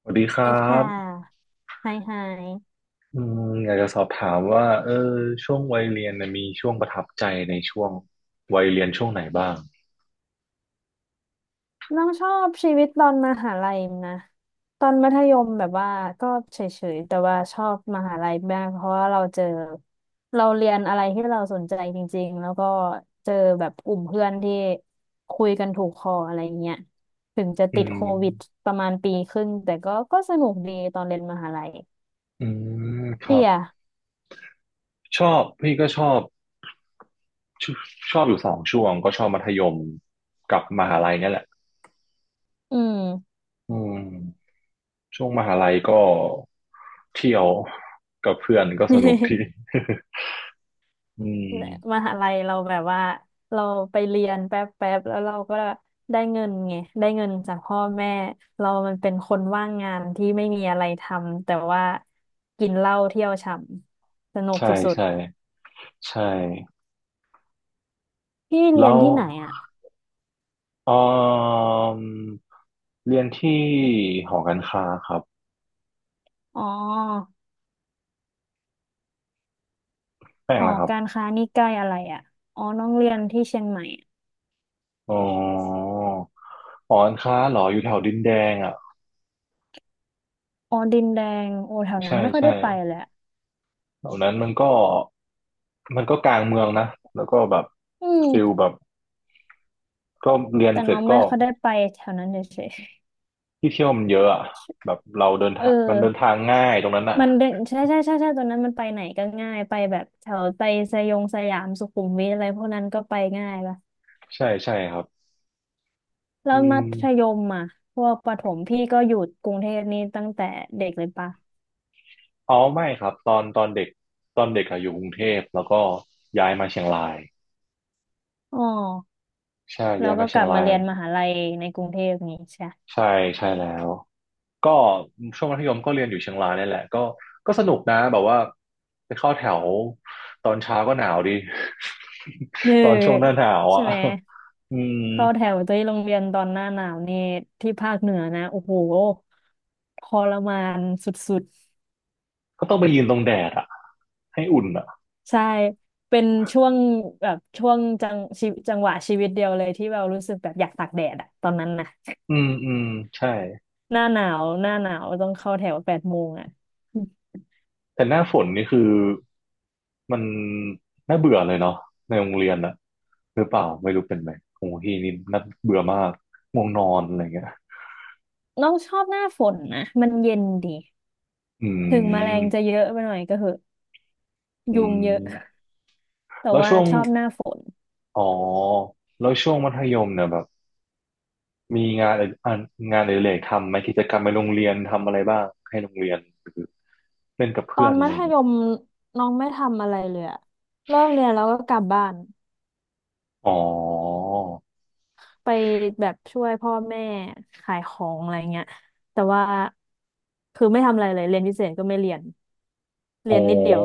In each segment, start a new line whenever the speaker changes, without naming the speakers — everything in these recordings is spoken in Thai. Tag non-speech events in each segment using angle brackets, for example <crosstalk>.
สวัสดีครั
ดีค่ะ
บ
ไฮไฮ
อยากจะสอบถามว่าช่วงวัยเรียนน่ะมีช่วงประทับใจในช่วงวัยเรียนช่วงไหนบ้าง
น้องชอบชีวิตตอนมหาลัยนะ ตอนมัธยมแบบว่าก็เฉยๆ แต่ว่าชอบมหาลัยมากเพราะว่าเราเรียนอะไรที่เราสนใจจริงๆ แล้วก็เจอแบบกลุ่มเพื่อนที่คุยกันถูกคออะไรเงี้ย ถึงจะ
อื
ติด
ม
โควิดประมาณปีครึ่งแต่ก็สนุกดีตอนเรียนมหาลัย
อืมครั
พี่
บ
อะ
ชอบพี่ก็ชชอบอยู่สองช่วงก็ชอบมัธยมกับมหาลัยเนี่ยแหละ
อืม
อืมช่วงมหาลัยก็เที่ยวกับเพื่อนก็สนุกดี
<laughs>
<laughs> อื
ม
ม
หาลัยเราแบบว่าเราไปเรียนแป๊บแป๊บแล้วเราก็ได้เงินไงได้เงินจากพ่อแม่เรามันเป็นคนว่างงานที่ไม่มีอะไรทำแต่ว่ากินเหล้าเที่ยวฉ่ำสนุก
ใช่
สุด
ใช่ใช่
ๆพี่เรีย
แล้
น
ว
ที่ไหนอ่ะ
เออเรียนที่หอการค้าครับ
อ๋อ
แป้
ห
ง
อ
แล้วครับ
การค้านี่ใกล้อะไรอ่ะอ๋อน้องเรียนที่เชียงใหม่อะ
อ๋อหอการค้าเหรออยู่แถวดินแดงอ่ะ
อ๋อดินแดงโอ้แถวนั้
ใช่
นไม่ค่อย
ใช่
ได้ไปเลยอะ
แถวนั้นมันก็กลางเมืองนะ แล้วก็แบบ
อืม
ฟิลแบบก็เรียน
แต่
เสร็
น้
จ
องไม่
ก็
ค่อยได้ไปแถวนั้นเฉย
ที่เที่ยวมันเยอะอ่ะแบบเราเดิน
ๆเออ
ทางมันเดินทางง่ายตรงนั้นอ่ะ
มันเดินใช่ใช่ใช่ใช่ตอนนั้นมันไปไหนก็ง่ายไปแบบแถวไปสยองสยามสุขุมวิทอะไรพวกนั้นก็ไปง่ายละ
ใช่ใช่ครับ
แล้
อื
ว
ม
มัธยมอ่ะพวกประถมพี่ก็อยู่กรุงเทพนี่ตั้งแต่เด็กเลยปะ
อ๋อไม่ครับตอนเด็กอะอยู่กรุงเทพแล้วก็ย้ายมาเชียงราย
อ๋อ
ใช่
แล้
ย้า
ว
ย
ก็
มาเชี
ก
ย
ลั
ง
บ
รา
มา
ย
เรียนมหาลัยในกรุงเทพนี้ใช่
ใช่ใช่แล้ว ก็ช่วงมัธยมก็เรียนอยู่เชียงรายนี่แหละก็ก็สนุกนะแบบว่าไปเข้าแถวตอนเช้าก็หนาวดี
เนอ
<laughs> ตอนช่วงหน้าหนาว
<laughs> ใช่
อ่ะ
ไหม
อืม
เข้าแถวที่โรงเรียนตอนหน้าหนาวนี่ที่ภาคเหนือนะโอ้โหทรมานสุด
ก็ต้องไปยืนตรงแดดอ่ะให้อุ่นอ่ะ
ใช่ เป็นช่วงแบบช่วงจังชีวิตจังหวะชีวิตเดียวเลยที่เรารู้สึกแบบอยากตากแดดอะตอนนั้นนะ
อืมอืมใช่
<laughs> หน้าหนาวต้องเข้าแถว8 โมงอะอืม
แต่หน้าฝนนี่คือมันน่าเบื่อเลยเนาะในโรงเรียนอะหรือเปล่าไม่รู้เป็นไหมของพี่นี่น่าเบื่อมากง่วงนอนอะไรเงี้ย
น้องชอบหน้าฝนนะมันเย็นดี
อื
ถึงแมลง
ม
จะเยอะไปหน่อยก็เหอะ
อื
ยุงเยอะ
ม
แต่
แล้ว
ว่า
ช่วง
ชอบหน้าฝน
อ๋อแล้วช่วงมัธยมเนี่ยแบบ มีอ่านงานอดิเรกทำไหมกิจกรรมในโรงเรียนทำอะไรบ้างให้โรงเรียนหรือเล่นกับ
ตอ
เพื่อน
น
อะ
มั
ไร
ธ
เงี้
ย
ย
มน้องไม่ทำอะไรเลยอะเลิกเรียนแล้วก็กลับบ้าน
อ๋อ
ไปแบบช่วยพ่อแม่ขายของอะไรเงี้ยแต่ว่าคือไม่ทำอะไรเลยเรียนพิเศษก็ไม่เรียน
อ๋อ
เรียนนิดเดียว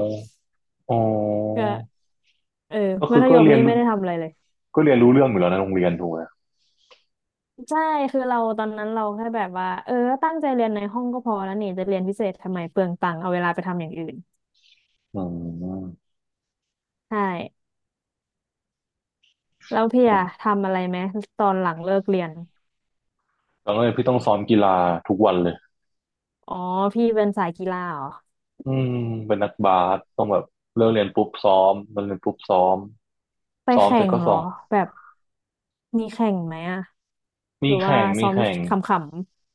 อ๋อ
ก็เออ
ก็
มั
คือ
ธ
ก็
ยม
เรียน
นี่
รู้
ไม่ได้ทำอะไรเลย
ก็เรียนรู้เรื่องอยู่แล้วในะโรงเรียนถูกไหม
ใช่คือเราตอนนั้นเราแค่แบบว่าเออตั้งใจเรียนในห้องก็พอแล้วนี่จะเรียนพิเศษทำไมเปลืองตังค์เอาเวลาไปทำอย่างอื่น
อืม
ใช่แล้วพี่อะทำอะไรไหมตอนหลังเลิกเรียน
แล้วก็เลยพี่ต้องซ้อมกีฬาทุกวันเลย
อ๋อพี่เป็นสายกีฬาเหรอ
อืมเป็นนักบาสต้องแบบเลิกเรียนปุ๊บซ้อมเลิกเรียนปุ๊บซ้อม
ไป
ซ้อม
แข่
เสร็จ
ง
ก็
เหร
ส่
อ
ง
แบบมีแข่งไหมอะห
มี
รือว่า
แข่งมี
ซ้อม
แข่ง
ขำ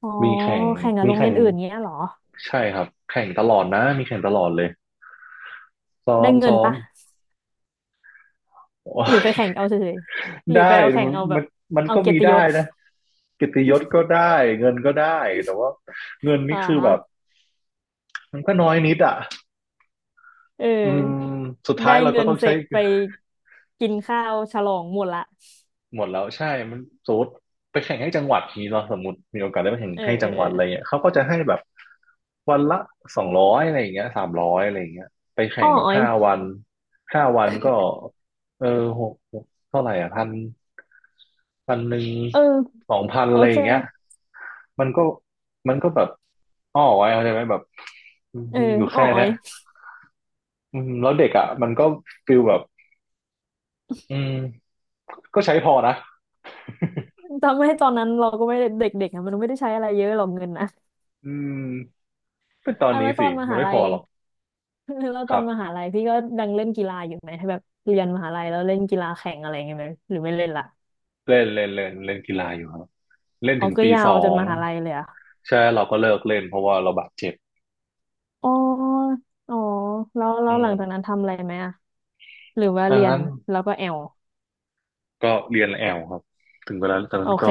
อ๋อ
มีแข่ง
แข่งกับ
มี
โรงเรี
แข่
ย
ง
นอื่นเงี้ยเหรอ
ใช่ครับแข่งตลอดนะมีแข่งตลอดเลย ซ้อ
ได้
ม
เงิน
ซ้อม
ปะ
<laughs> โอ้
หรือ
ย
ไปแข่งเอาเฉยๆหรือ
ได้
ไปเอาแข่
มั
ง
น
เอาแบ
มั
บ
นมัน
เอา
ก็
เกีย
มี
รติย
ได้
ศ
นะเกียรติยศก็ได้เงินก็ได้แต่ว่าเงิน
อ่
นี่คือแบบ
า
มันก็น้อยนิดอ่ะ
เออ
อืมสุดท้าย
ได้
เราก็
เงิน
ต้อง
เส
ใช้
ร็จไปกินข้าวฉลองหมดละ
หมดแล้วใช่มันสมมติไปแข่งให้จังหวัดนี้เราสมมติมีโอกาสได้ไปแข่ง
เออ
ให้
เอ
จั
อ
งห
เอ
วัด
อ
อะไรเงี้ยเขาก็จะให้แบบวันละ200อะไรอย่างเงี้ย300อะไรอย่างเงี้ยไปแข่
อ้อ
งแบบ
อ้อย
ห้าวันห้าวันก็เออหกเท่าไหร่อ่ะพันพันหนึ่ง
เออ
2,000
โอ
อะไรอ
เค
ย่างเงี้ยมันก็มันก็แบบอ้อไว้เข้าใจไหมแบบ
เออ
มีอยู่
อ้อ
แค่
อ้อ
เนี้ย
ย
อืมแล้วเด็กอ่ะมันก็ฟิลแบบอืมก็ใช้พอนะ
จำไม่ตอนนั้นเราก็ไม่ได้เด็กๆอะมันไม่ได้ใช้อะไรเยอะหรอกเงินนะ
อืมเป็นตอน
อ่ะแล้
นี้
วตอ
สิ
นม
มัน
หา
ไม่
ลั
พอ
ย
หรอก
<laughs> แล้ว
ค
ตอ
รั
น
บ
มหาลัยพี่ก็ดังเล่นกีฬาอยู่ไหมแบบเรียนมหาลัยแล้วเล่นกีฬาแข่งอะไรอย่างเงี้ยไหมหรือไม่เล่นละ
เล่นเล่นเล่นเล่นกีฬาอยู่ครับเล่น
อ๋อ
ถึง
ก็
ปี
ยา
ส
ว
อ
จน
ง
มหาลัยเลยอ่ะ
ใช่เราก็เลิกเล่นเพราะว่าเราบาดเจ็บ
อ๋อ อ๋อแล้วแล้
อื
วห
ม
ลังจากนั้นทำอะไรไหมอ่ะหรือว่า
ดั
เรี
ง
ยน
นั้น
แล้วก็แอล
ก็เรียนแอลครับถึงเวลาตอน
โอ
นั้น
เค
ก็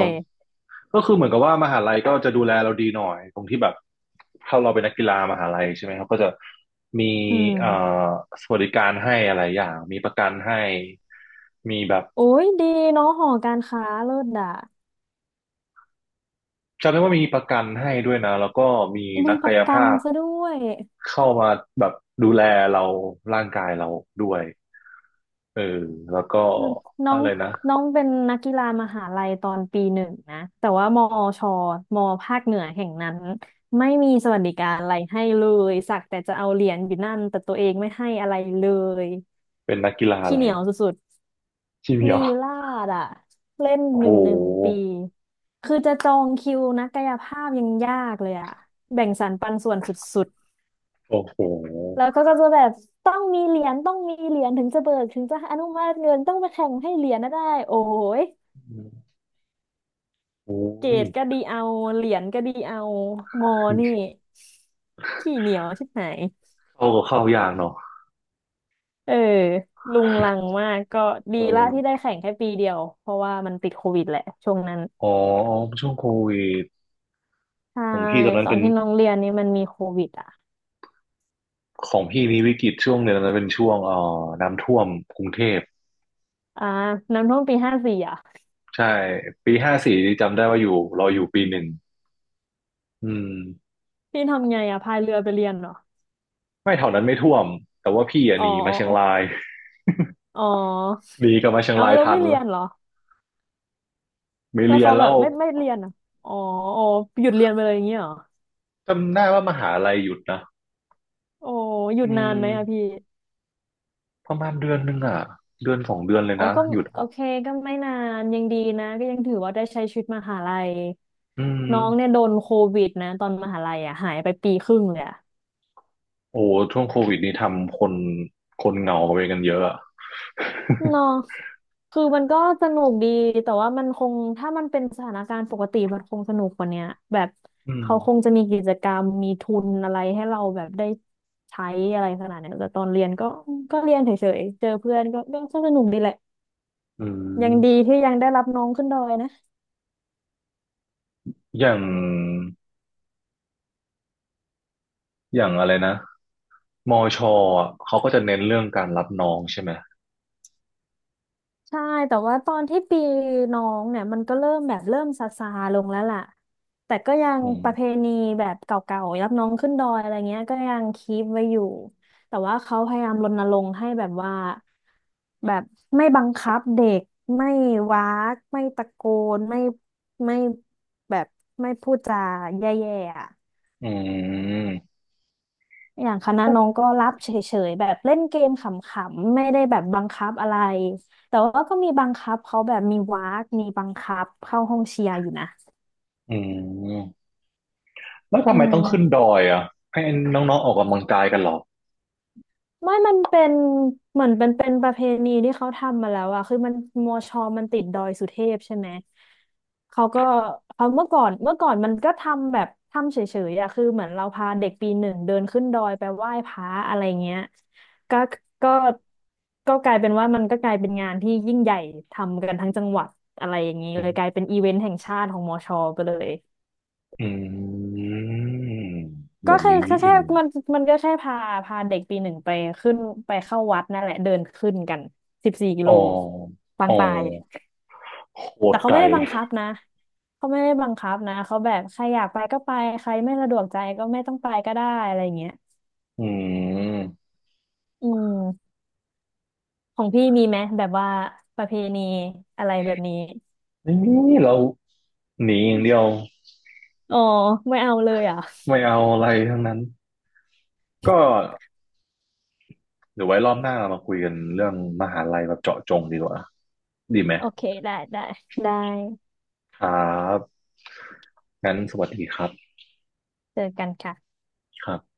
ก็คือเหมือนกับว่ามหาลัยก็จะดูแลเราดีหน่อยตรงที่แบบถ้าเราเป็นนักกีฬามหาลัยใช่ไหมครับก็จะมี
อื
เอ่
ม
อสวัสดิการให้อะไรอย่างมีประกันให้มีแบบ
โอ้ยดีเนาะหอการค้าเลิศด่ะ
จำได้ว่ามีประกันให้ด้วยนะแล้วก็มี
มี
นัก
ป
กา
ระ
ย
กัน
ภาพ
ซะด้วย
เข้ามาแบบดูแลเราร่างกายเราด้วยเออแล้วก็
อืมน้อ
อะ
ง
ไรนะ
น้องเป็นนักกีฬามหาลัยตอนปีหนึ่งนะ แต่ว่ามอชมอภาคเหนือแห่งนั้นไม่มีสวัสดิการอะไรให้เลย สักแต่จะเอาเหรียญอยู่นั่นแต่ตัวเองไม่ให้อะไรเลย
เป็นนักกีฬาอะ
ขี้
ไร
เหนียวสุด
ที่เหมีย
ลี
ว
ลาดอะเล่น
โอ้
ห
โห
นึ่งหนึ่งปีคือจะจองคิวนักกายภาพยังยากเลยอะแบ่งสรรปันส่วนสุด
โอ้โห
ๆแล้วก็จะแบบต้องมีเหรียญถึงจะเบิกถึงจะอนุมัติเงินต้องไปแข่งให้เหรียญนะได้โอ้ย
โอ้
เกร
ย
ดก็ดีเอาเหรียญก็ดีเอางอนี่ขี้เหนียวชิบหาย
เข้าก็เข้ายากเนาะ
เออลุงลังมากก็ดี
เอ
ละ
อ
ที่ได้แข่งแค่ปีเดียวเพราะว่ามันติดโควิดแหละช่วงนั้น
อ๋อช่วงโควิด
ใช่
ของพี่ตอนนั้
ต
น
อน
เป็น
ที่น้องเรียนนี่มันมีโควิดอ่ะ
ของพี่มีวิกฤตช่วงหนึ่งนะเป็นช่วงน้ำท่วมกรุงเทพ
อ่าน้ำท่วมปี 54อ่ะ
ใช่ปีห้าสี่จำได้ว่าอยู่เราอยู่ปีหนึ่งอืม
พี่ทำไงอ่ะพายเรือไปเรียนเหรอ
ไม่แถวนั้นไม่ท่วมแต่ว่าพี่อะ
อ๋อ
หนีมาเชียงราย <laughs>
อ๋อ
หนีกลับมาเชียง
เอา
ราย
เรา
ทั
ไม่
น
เรี
ละ
ยนเหรอ
ไม่
แล้ว
เรีย
เขา
น
แบ
แล้
บ
ว
ไม่เรียนอ่ะอ๋ออ๋อหยุดเรียนไปเลยอย่างเงี้ยเหรอ
จำได้ว่ามหาลัยหยุดนะ
โอ้หยุ
อื
ดนา
ม
นไหมอ่ะพี่
ประมาณเดือนหนึงอ่ะเดือน2 เดือนเลย
อ๋อ
นะ
ก็
หยุด
โอ
อ่ะ
เคก็ไม่นานยังดีนะก็ยังถือว่าได้ใช้ชีวิตมหาลัย
อืม
น้องเนี่ยโดนโควิดนะตอนมหาลัยอ่ะหายไปปีครึ่งเลยอะ
โอ้ช่วงโควิดนี่ทำคนเหงาไปกันเยอะอะ
เนาะคือมันก็สนุกดี แต่ว่ามันคง ถ้ามันเป็นสถานการณ์ปกติมันคงสนุกกว่าเนี้ยแบบ
<laughs> อืม
เขาคงจะมีกิจกรรมมีทุนอะไรให้เราแบบได้ใช้อะไรขนาดเนี้ยแต่ตอนเรียนก็เรียนเฉยๆ เจอเพื่อนก็สนุกดีแหละ
อื
ยังดี
ม
ที่ยังได้รับน้องขึ้นดอยนะ
อย่างอย่างอะไรนะมอชอะเขาก็จะเน้นเรื่องการรับน้องใช่ไหม
ใช่แต่ว่าตอนที่ปีน้องเนี่ยมันก็เริ่มซาซาลงแล้วล่ะแต่ก็ยัง
อื
ประเพ
ม
ณีแบบเก่าๆรับน้องขึ้นดอยอะไรเงี้ยก็ยังคีปไว้อยู่แต่ว่าเขาพยายามรณรงค์ให้แบบว่าแบบไม่บังคับเด็กไม่ว้ากไม่ตะโกนไม่แบบไม่พูดจาแย่ๆอ่ะ
อืม
อย่างคณะน้องก็รับเฉยๆแบบเล่นเกมขำๆไม่ได้แบบบังคับอะไรแต่ว่าก็มีบังคับเขาแบบมีวากมีบังคับเข้าห้องเชียร์อยู่นะ
อืม แล้วทำ
อื
ไมต้องขึ้นด
ม
อยอ่ะให้น้องๆออกกำลังกายกันเหรอ
ไม่มันเป็นเหมือนเป็นประเพณีที่เขาทำมาแล้วอะคือมันมอชอมันติดดอยสุเทพใช่ไหม เขาก็เขาเมื่อก่อนมันก็ทำแบบทำเฉยๆอะคือเหมือนเราพาเด็กปีหนึ่งเดินขึ้นดอยไปไหว้พระอะไรเงี้ยก็ก็ก็กลายเป็นว่ามันก็กลายเป็นงานที่ยิ่งใหญ่ทำกันทั้งจังหวัดอะไรอย่างนี้
อื
เลยกลาย
ม
เป็นอีเวนต์แห่งชาติของมอชอไปเลย
อืมแบ
ก็
บนี้นิดนึ
แค่
ง
มันมันก็แค่พาเด็กปีหนึ่งไปขึ้นไปเข้าวัดนั่นแหละเดินขึ้นกันสิบสี่กิ
อ๋อ
โลปา
อ๋
ง
อ
ตาย
โห
แต่
ด
เขา
ไกล
ไม่ได้บังคับนะเขาไม่ได้บังคับนะเขาแบบใครอยากไปก็ไปใครไม่สะดวกใจก็ไม่ต้องไปก็ได้อะไรอย่างเงี้ย
อืม
อืมของพี่มีไหมแบบว่าประเพณีอะไรแบบนี้
นี่เราหนีอย่างเดียว
อ๋อไม่เอาเลยเหรอ่ะ
ไม่เอาอะไรทั้งนั้นก็เดี๋ยวไว้รอบหน้าเรามาคุยกันเรื่องมหาลัยแบบเจาะจงดีกว่าดีไหม
โอเคได้ได้ได้
ครับงั้นสวัสดีครับ
เจอกันค่ะ
ครับ